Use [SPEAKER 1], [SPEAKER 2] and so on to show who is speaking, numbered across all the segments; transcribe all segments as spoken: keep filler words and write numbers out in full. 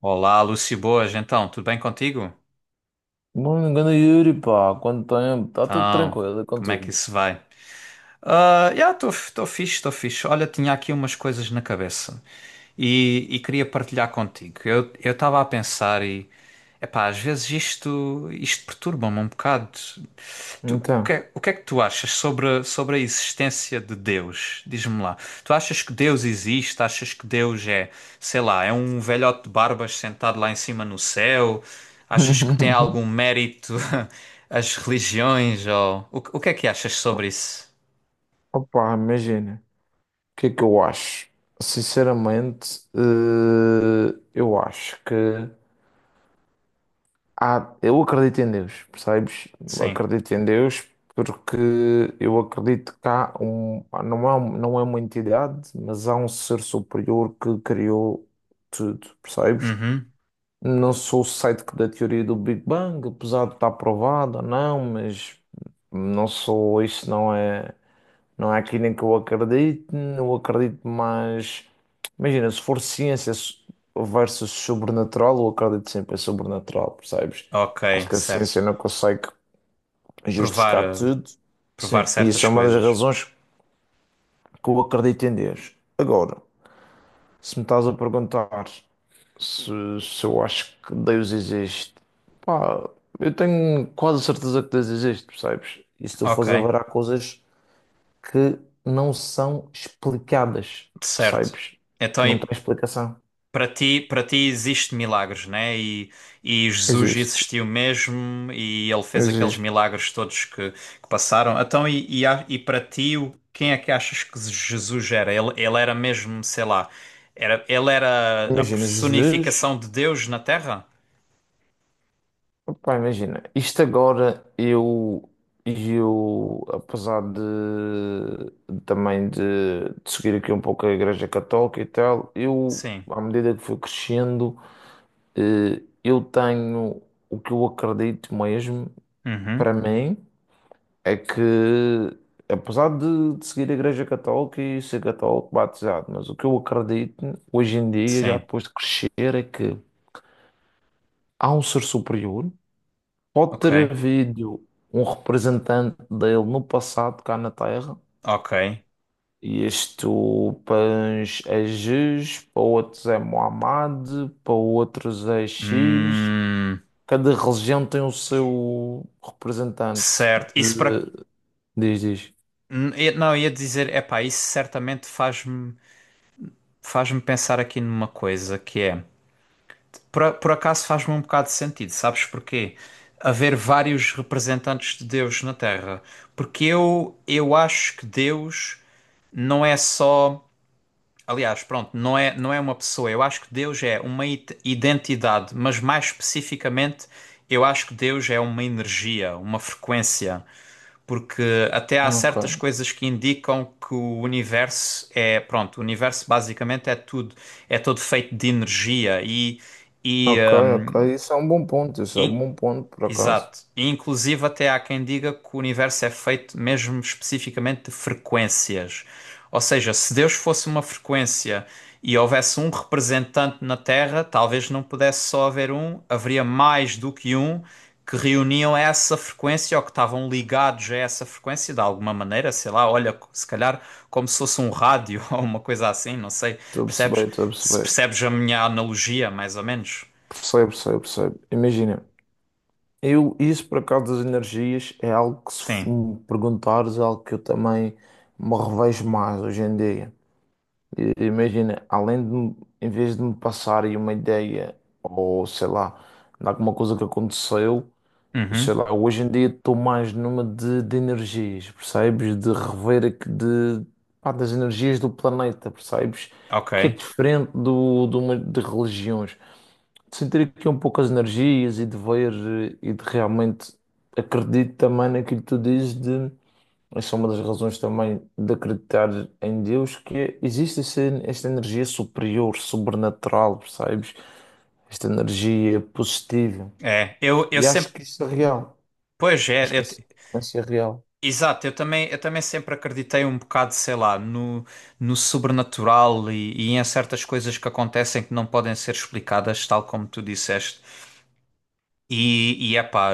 [SPEAKER 1] Olá, Luci. Boas, então, tudo bem contigo?
[SPEAKER 2] Bom engano, Yuri, pá, quanto tempo? Está tudo
[SPEAKER 1] Então,
[SPEAKER 2] tranquilo, é
[SPEAKER 1] como é que
[SPEAKER 2] contigo.
[SPEAKER 1] isso vai? Ah, já, estou estou fixe, estou fixe. Olha, tinha aqui umas coisas na cabeça e, e queria partilhar contigo. Eu eu estava a pensar e, epá, às vezes isto, isto perturba-me um bocado. Tu- o que
[SPEAKER 2] Então,
[SPEAKER 1] é, o que é que tu achas sobre, sobre a existência de Deus? Diz-me lá. Tu achas que Deus existe? Achas que Deus é, sei lá, é um velhote de barbas sentado lá em cima no céu? Achas que tem algum mérito as religiões? Ou… O, que- o que é que achas sobre isso?
[SPEAKER 2] opá, imagina, o que é que eu acho? Sinceramente, eh, eu acho que há, eu acredito em Deus, percebes? Eu
[SPEAKER 1] Sim.
[SPEAKER 2] acredito em Deus porque eu acredito que há um, não é, um- não é uma entidade, mas há um ser superior que criou tudo, percebes?
[SPEAKER 1] Uhum.
[SPEAKER 2] Não sou cético da teoria do Big Bang, apesar de estar provada. Não, mas não sou, isso não é, não é aquilo em que eu acredito, eu acredito mais, imagina, se for ciência s- versus sobrenatural, eu acredito sempre em sobrenatural, percebes? Acho
[SPEAKER 1] Ok,
[SPEAKER 2] que a
[SPEAKER 1] certo.
[SPEAKER 2] ciência não consegue
[SPEAKER 1] Provar,
[SPEAKER 2] justificar
[SPEAKER 1] eh,
[SPEAKER 2] tudo,
[SPEAKER 1] provar
[SPEAKER 2] sim, e
[SPEAKER 1] certas
[SPEAKER 2] isso é uma das
[SPEAKER 1] coisas.
[SPEAKER 2] razões que eu acredito em Deus. Agora, se me estás a perguntar se, se eu acho que Deus existe, pá, eu tenho quase certeza que Deus existe, percebes? E se tu
[SPEAKER 1] Ok,
[SPEAKER 2] fores a ver, há coisas que não são explicadas,
[SPEAKER 1] certo.
[SPEAKER 2] percebes?
[SPEAKER 1] Então,
[SPEAKER 2] Que não têm
[SPEAKER 1] e
[SPEAKER 2] explicação.
[SPEAKER 1] para ti, para ti existe milagres, né? E, e Jesus
[SPEAKER 2] Existe,
[SPEAKER 1] existiu mesmo e ele fez aqueles
[SPEAKER 2] existe.
[SPEAKER 1] milagres todos que, que passaram. Então, e, e, a- e para ti, o- quem é que achas que Jesus era? Ele, ele era mesmo, sei lá, era, ele era a
[SPEAKER 2] Imagina, Jesus,
[SPEAKER 1] personificação de Deus na Terra?
[SPEAKER 2] pá, imagina, isto agora eu, eu apesar de também de, de seguir aqui um pouco a Igreja Católica e tal, eu,
[SPEAKER 1] Sim.
[SPEAKER 2] à medida que fui crescendo. Eh, Eu tenho o que eu acredito mesmo, para
[SPEAKER 1] Uhum.
[SPEAKER 2] mim, é que, apesar de, de seguir a Igreja Católica e ser católico batizado, mas o que eu acredito hoje em dia, já
[SPEAKER 1] Sim.
[SPEAKER 2] depois de crescer, é que há um ser superior, pode
[SPEAKER 1] Ok.
[SPEAKER 2] ter havido um representante dele no passado, cá na Terra,
[SPEAKER 1] Ok.
[SPEAKER 2] e isto para uns é Jesus, para outros é Muhammad, para outros é X.
[SPEAKER 1] Hum,
[SPEAKER 2] Cada religião tem o seu representante.
[SPEAKER 1] certo. Isso para.
[SPEAKER 2] De... Diz, diz.
[SPEAKER 1] Hum, eu- Não, eu ia dizer, epá, isso certamente faz-me faz-me pensar aqui numa coisa que é. Por, a- por acaso faz-me um bocado de sentido, sabes porquê? Haver vários representantes de Deus na Terra. Porque eu, eu acho que Deus não é só. Aliás, pronto, não é, não é uma pessoa. Eu acho que Deus é uma it- identidade, mas mais especificamente, eu acho que Deus é uma energia, uma frequência. Porque até há certas
[SPEAKER 2] Ok,
[SPEAKER 1] coisas que indicam que o universo é. Pronto, o universo basicamente é tudo. É todo feito de energia e. E,
[SPEAKER 2] ok,
[SPEAKER 1] hum,
[SPEAKER 2] ok. Isso é um bom ponto. Isso é um
[SPEAKER 1] In-
[SPEAKER 2] bom ponto, por acaso.
[SPEAKER 1] exato. E, inclusive, até há quem diga que o universo é feito mesmo especificamente de frequências. Ou seja, se Deus fosse uma frequência e houvesse um representante na Terra, talvez não pudesse só haver um, haveria mais do que um que reuniam essa frequência ou que estavam ligados a essa frequência de alguma maneira, sei lá, olha, se calhar como se fosse um rádio ou uma coisa assim, não sei.
[SPEAKER 2] Estou a
[SPEAKER 1] Percebes?
[SPEAKER 2] perceber, estou a
[SPEAKER 1] Se
[SPEAKER 2] perceber.
[SPEAKER 1] percebes a minha analogia, mais ou menos?
[SPEAKER 2] Percebo, percebo, percebo. Imagina, eu, isso por acaso das energias é algo que, se
[SPEAKER 1] Sim.
[SPEAKER 2] f- me perguntares, é algo que eu também me revejo mais hoje em dia. E- imagina, além de, me- em vez de me passarem uma ideia, ou sei lá, de alguma coisa que aconteceu. Sei
[SPEAKER 1] Uhum.
[SPEAKER 2] lá, hoje em dia estou mais numa de, de energias, percebes? De rever aqui de, pá, das energias do planeta, percebes?
[SPEAKER 1] Ok.
[SPEAKER 2] Que é diferente do, de, uma, de religiões. De sentir aqui um pouco as energias e de ver eh, e de realmente acredito também naquilo que tu dizes de essa é uma das razões também de acreditar em Deus, que é- existe essa- esta energia superior, sobrenatural, percebes? Esta energia positiva.
[SPEAKER 1] É, eu, eu
[SPEAKER 2] E acho
[SPEAKER 1] sempre,
[SPEAKER 2] que isso é real.
[SPEAKER 1] pois é,
[SPEAKER 2] Acho que
[SPEAKER 1] eu
[SPEAKER 2] a
[SPEAKER 1] te-
[SPEAKER 2] sequência real.
[SPEAKER 1] exato, eu também, eu também sempre acreditei um bocado, sei lá, no, no sobrenatural e, e em certas coisas que acontecem que não podem ser explicadas, tal como tu disseste. E, e epá,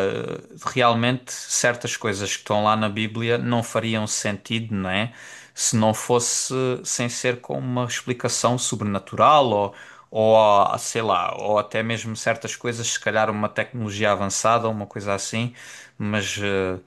[SPEAKER 1] realmente certas coisas que estão lá na Bíblia não fariam sentido, não é? Se não fosse sem ser com uma explicação sobrenatural ou, ou ah, sei lá, ou até mesmo certas coisas, se calhar uma tecnologia avançada ou uma coisa assim, mas eh,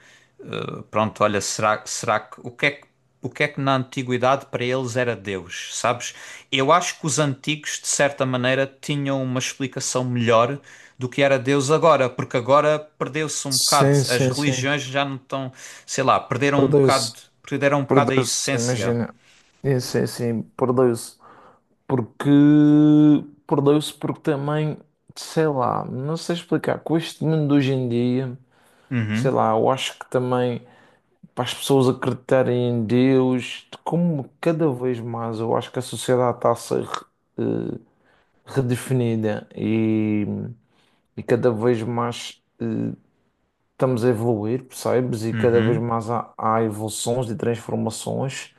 [SPEAKER 1] eh, pronto, olha, será, será que o que é que o que é que na antiguidade para eles era Deus, sabes? Eu acho que os antigos, de certa maneira, tinham uma explicação melhor do que era Deus agora, porque agora perdeu-se um bocado.
[SPEAKER 2] Sim,
[SPEAKER 1] As
[SPEAKER 2] sim, sim.
[SPEAKER 1] religiões já não estão, sei lá, perderam um bocado,
[SPEAKER 2] Perdeu-se.
[SPEAKER 1] perderam um bocado a
[SPEAKER 2] Perdeu-se,
[SPEAKER 1] essência.
[SPEAKER 2] imagina. É, sim, sim, perdeu-se. Porque. Perdeu-se porque também, sei lá, não sei explicar. Com este mundo de hoje em dia, sei
[SPEAKER 1] Uhum,
[SPEAKER 2] lá, eu acho que também para as pessoas acreditarem em Deus, como cada vez mais eu acho que a sociedade está a ser eh, redefinida e, e cada vez mais. Eh, estamos a evoluir, percebes? E cada vez
[SPEAKER 1] uhum.
[SPEAKER 2] mais há, há evoluções e transformações.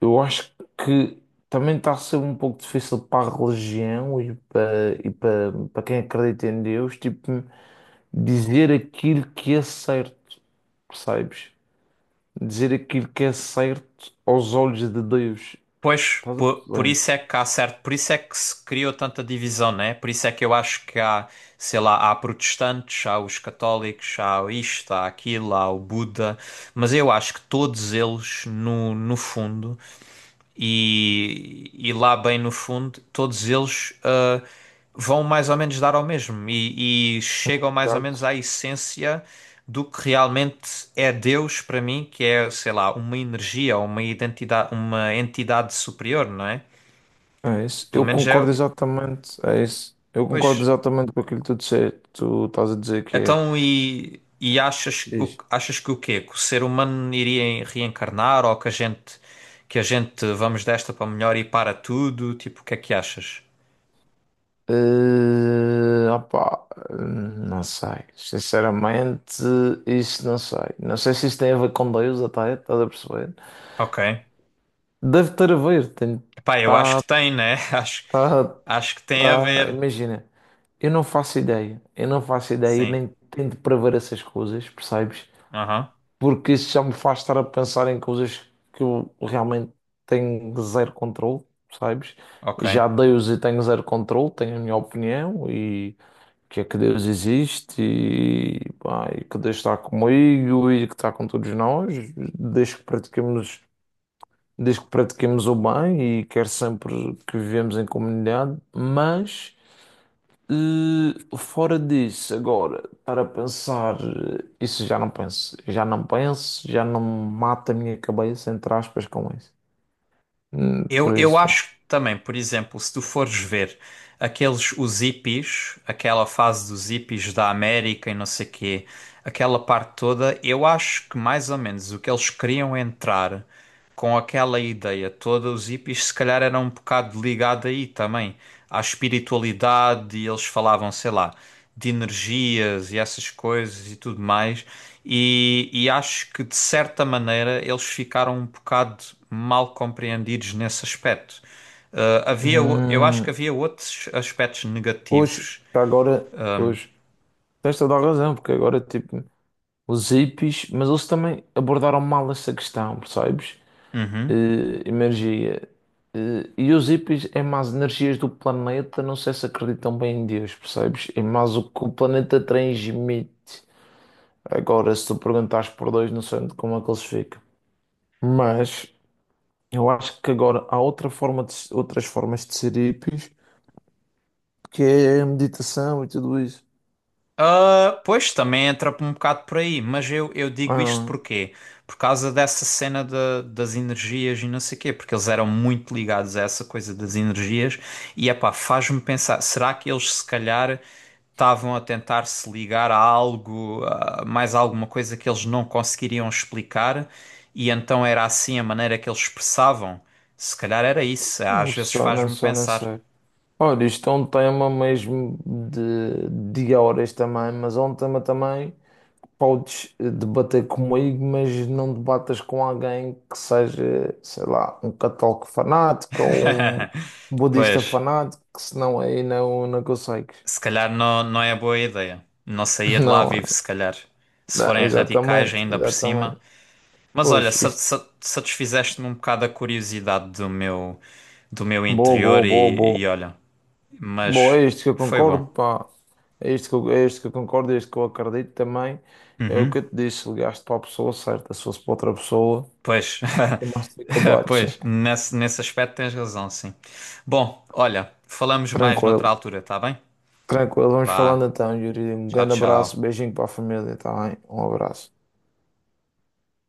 [SPEAKER 2] Eu acho que também está a ser um pouco difícil para a religião e para, e para, para quem acredita em Deus, tipo, dizer aquilo que é certo, percebes? Dizer aquilo que é certo aos olhos de Deus.
[SPEAKER 1] Pois,
[SPEAKER 2] Estás a
[SPEAKER 1] por, por
[SPEAKER 2] perceber?
[SPEAKER 1] isso é que há certo, por isso é que se criou tanta divisão, né? Por isso é que eu acho que há, sei lá, há protestantes, há os católicos, há o isto, há aquilo, há o Buda, mas eu acho que todos eles, no, no fundo. E, e lá bem no fundo, todos eles ah, vão mais ou menos dar ao mesmo e, e chegam mais ou menos
[SPEAKER 2] Exato.
[SPEAKER 1] à essência do que realmente é Deus para mim, que é, sei lá, uma energia, uma identidade, uma entidade superior, não é?
[SPEAKER 2] É isso.
[SPEAKER 1] Pelo
[SPEAKER 2] Eu
[SPEAKER 1] menos é,
[SPEAKER 2] concordo exatamente. É isso. Eu concordo
[SPEAKER 1] pois.
[SPEAKER 2] exatamente com aquilo que tu disseste. Tu estás a dizer que é.
[SPEAKER 1] Então e, e achas, o- achas que o quê? Que o ser humano iria reencarnar ou que a gente que a gente vamos desta para melhor e para tudo? Tipo, o que é que achas?
[SPEAKER 2] Eh, opá, eh, não sei. Sinceramente, isso não sei. Não sei se isso tem a ver com Deus, até, estás a perceber?
[SPEAKER 1] Ok.
[SPEAKER 2] Deve ter a ver. Tem,
[SPEAKER 1] Pá, eu acho
[SPEAKER 2] tá,
[SPEAKER 1] que tem, né? Acho,
[SPEAKER 2] tá,
[SPEAKER 1] acho que tem a
[SPEAKER 2] tá.
[SPEAKER 1] ver.
[SPEAKER 2] Imagina, eu não faço ideia. Eu não faço ideia e
[SPEAKER 1] Sim.
[SPEAKER 2] nem tento prever essas coisas, percebes?
[SPEAKER 1] Aham.
[SPEAKER 2] Porque isso já me faz estar a pensar em coisas que eu realmente tenho zero controle, percebes?
[SPEAKER 1] Ok.
[SPEAKER 2] Já Deus e tenho zero controle, tenho a minha opinião e. Que é que Deus existe e, pá, e que Deus está comigo e que está com todos nós, desde que pratiquemos, desde que pratiquemos o bem e quer sempre que vivemos em comunidade, mas eh, fora disso, agora, estar a pensar, eh, isso já não penso, já não penso, já não mata a minha cabeça, entre aspas, com isso. Hum,
[SPEAKER 1] Eu,
[SPEAKER 2] por
[SPEAKER 1] eu
[SPEAKER 2] isso, pá.
[SPEAKER 1] acho também, por exemplo, se tu fores ver aqueles, os hippies, aquela fase dos hippies da América e não sei quê, aquela parte toda, eu acho que mais ou menos o que eles queriam entrar com aquela ideia toda, os hippies se calhar eram um bocado ligados aí também, à espiritualidade e eles falavam, sei lá, de energias e essas coisas e tudo mais. E, e acho que de certa maneira eles ficaram um bocado mal compreendidos nesse aspecto. Ah, havia, o- eu acho que
[SPEAKER 2] Hum,
[SPEAKER 1] havia outros aspectos
[SPEAKER 2] pois,
[SPEAKER 1] negativos.
[SPEAKER 2] agora,
[SPEAKER 1] Ah,
[SPEAKER 2] pois, tens toda a razão, porque agora, tipo. Os hippies, mas eles também abordaram mal essa questão, percebes?
[SPEAKER 1] uhum.
[SPEAKER 2] Eh, energia. Eh, e os hippies é mais energias do planeta, não sei se acreditam bem em Deus, percebes? É mais o que o planeta transmite. Agora, se tu perguntares por dois, não sei onde- como é que eles ficam. Mas eu acho que agora há outra forma de, se- outras formas de ser hippies, que é a meditação e tudo isso.
[SPEAKER 1] Ah, pois, também entra um bocado por aí, mas eu, eu digo isto
[SPEAKER 2] Ah,
[SPEAKER 1] porquê? Por causa dessa cena da- das energias e não sei quê, porque eles eram muito ligados a essa coisa das energias e, epá, faz-me pensar, será que eles se calhar estavam a tentar se ligar a algo, a mais alguma coisa que eles não conseguiriam explicar e então era assim a maneira que eles expressavam? Se calhar era isso,
[SPEAKER 2] não
[SPEAKER 1] às vezes
[SPEAKER 2] sei, não
[SPEAKER 1] faz-me
[SPEAKER 2] sei, não
[SPEAKER 1] pensar.
[SPEAKER 2] sei. Olha, isto é um tema mesmo de, de horas também, mas é um tema também que podes eh, debater comigo, mas não debatas com alguém que seja, sei lá, um católico fanático ou um budista
[SPEAKER 1] Pois.
[SPEAKER 2] fanático, que senão aí não, não consegues.
[SPEAKER 1] Se calhar não, não é boa ideia. Não saía de lá
[SPEAKER 2] Não,
[SPEAKER 1] vivo,
[SPEAKER 2] é?
[SPEAKER 1] se calhar. Se
[SPEAKER 2] Não,
[SPEAKER 1] forem radicais
[SPEAKER 2] exatamente,
[SPEAKER 1] ainda por
[SPEAKER 2] exatamente.
[SPEAKER 1] cima. Mas olha,
[SPEAKER 2] Pois,
[SPEAKER 1] sa-
[SPEAKER 2] isto.
[SPEAKER 1] sa- satisfizeste-me um bocado a curiosidade do meu, do meu
[SPEAKER 2] Boa,
[SPEAKER 1] interior
[SPEAKER 2] boa, boa,
[SPEAKER 1] e, e
[SPEAKER 2] boa.
[SPEAKER 1] olha.
[SPEAKER 2] Bom,
[SPEAKER 1] Mas
[SPEAKER 2] é isto que eu
[SPEAKER 1] foi bom.
[SPEAKER 2] concordo, pá. É isto que eu, é isto que eu concordo, é isto que eu acredito também. É o que
[SPEAKER 1] Uhum.
[SPEAKER 2] eu te disse, ligaste para a pessoa certa, se fosse para outra pessoa,
[SPEAKER 1] Pois,
[SPEAKER 2] tem mais dificuldades.
[SPEAKER 1] pois, nesse, nesse aspecto tens razão, sim. Bom, olha, falamos mais noutra
[SPEAKER 2] Tranquilo,
[SPEAKER 1] altura, tá bem?
[SPEAKER 2] tranquilo. Vamos falando
[SPEAKER 1] Vá,
[SPEAKER 2] então, Yuri. Um
[SPEAKER 1] tchau,
[SPEAKER 2] grande abraço,
[SPEAKER 1] tchau.
[SPEAKER 2] beijinho para a família, tá bem? Um abraço.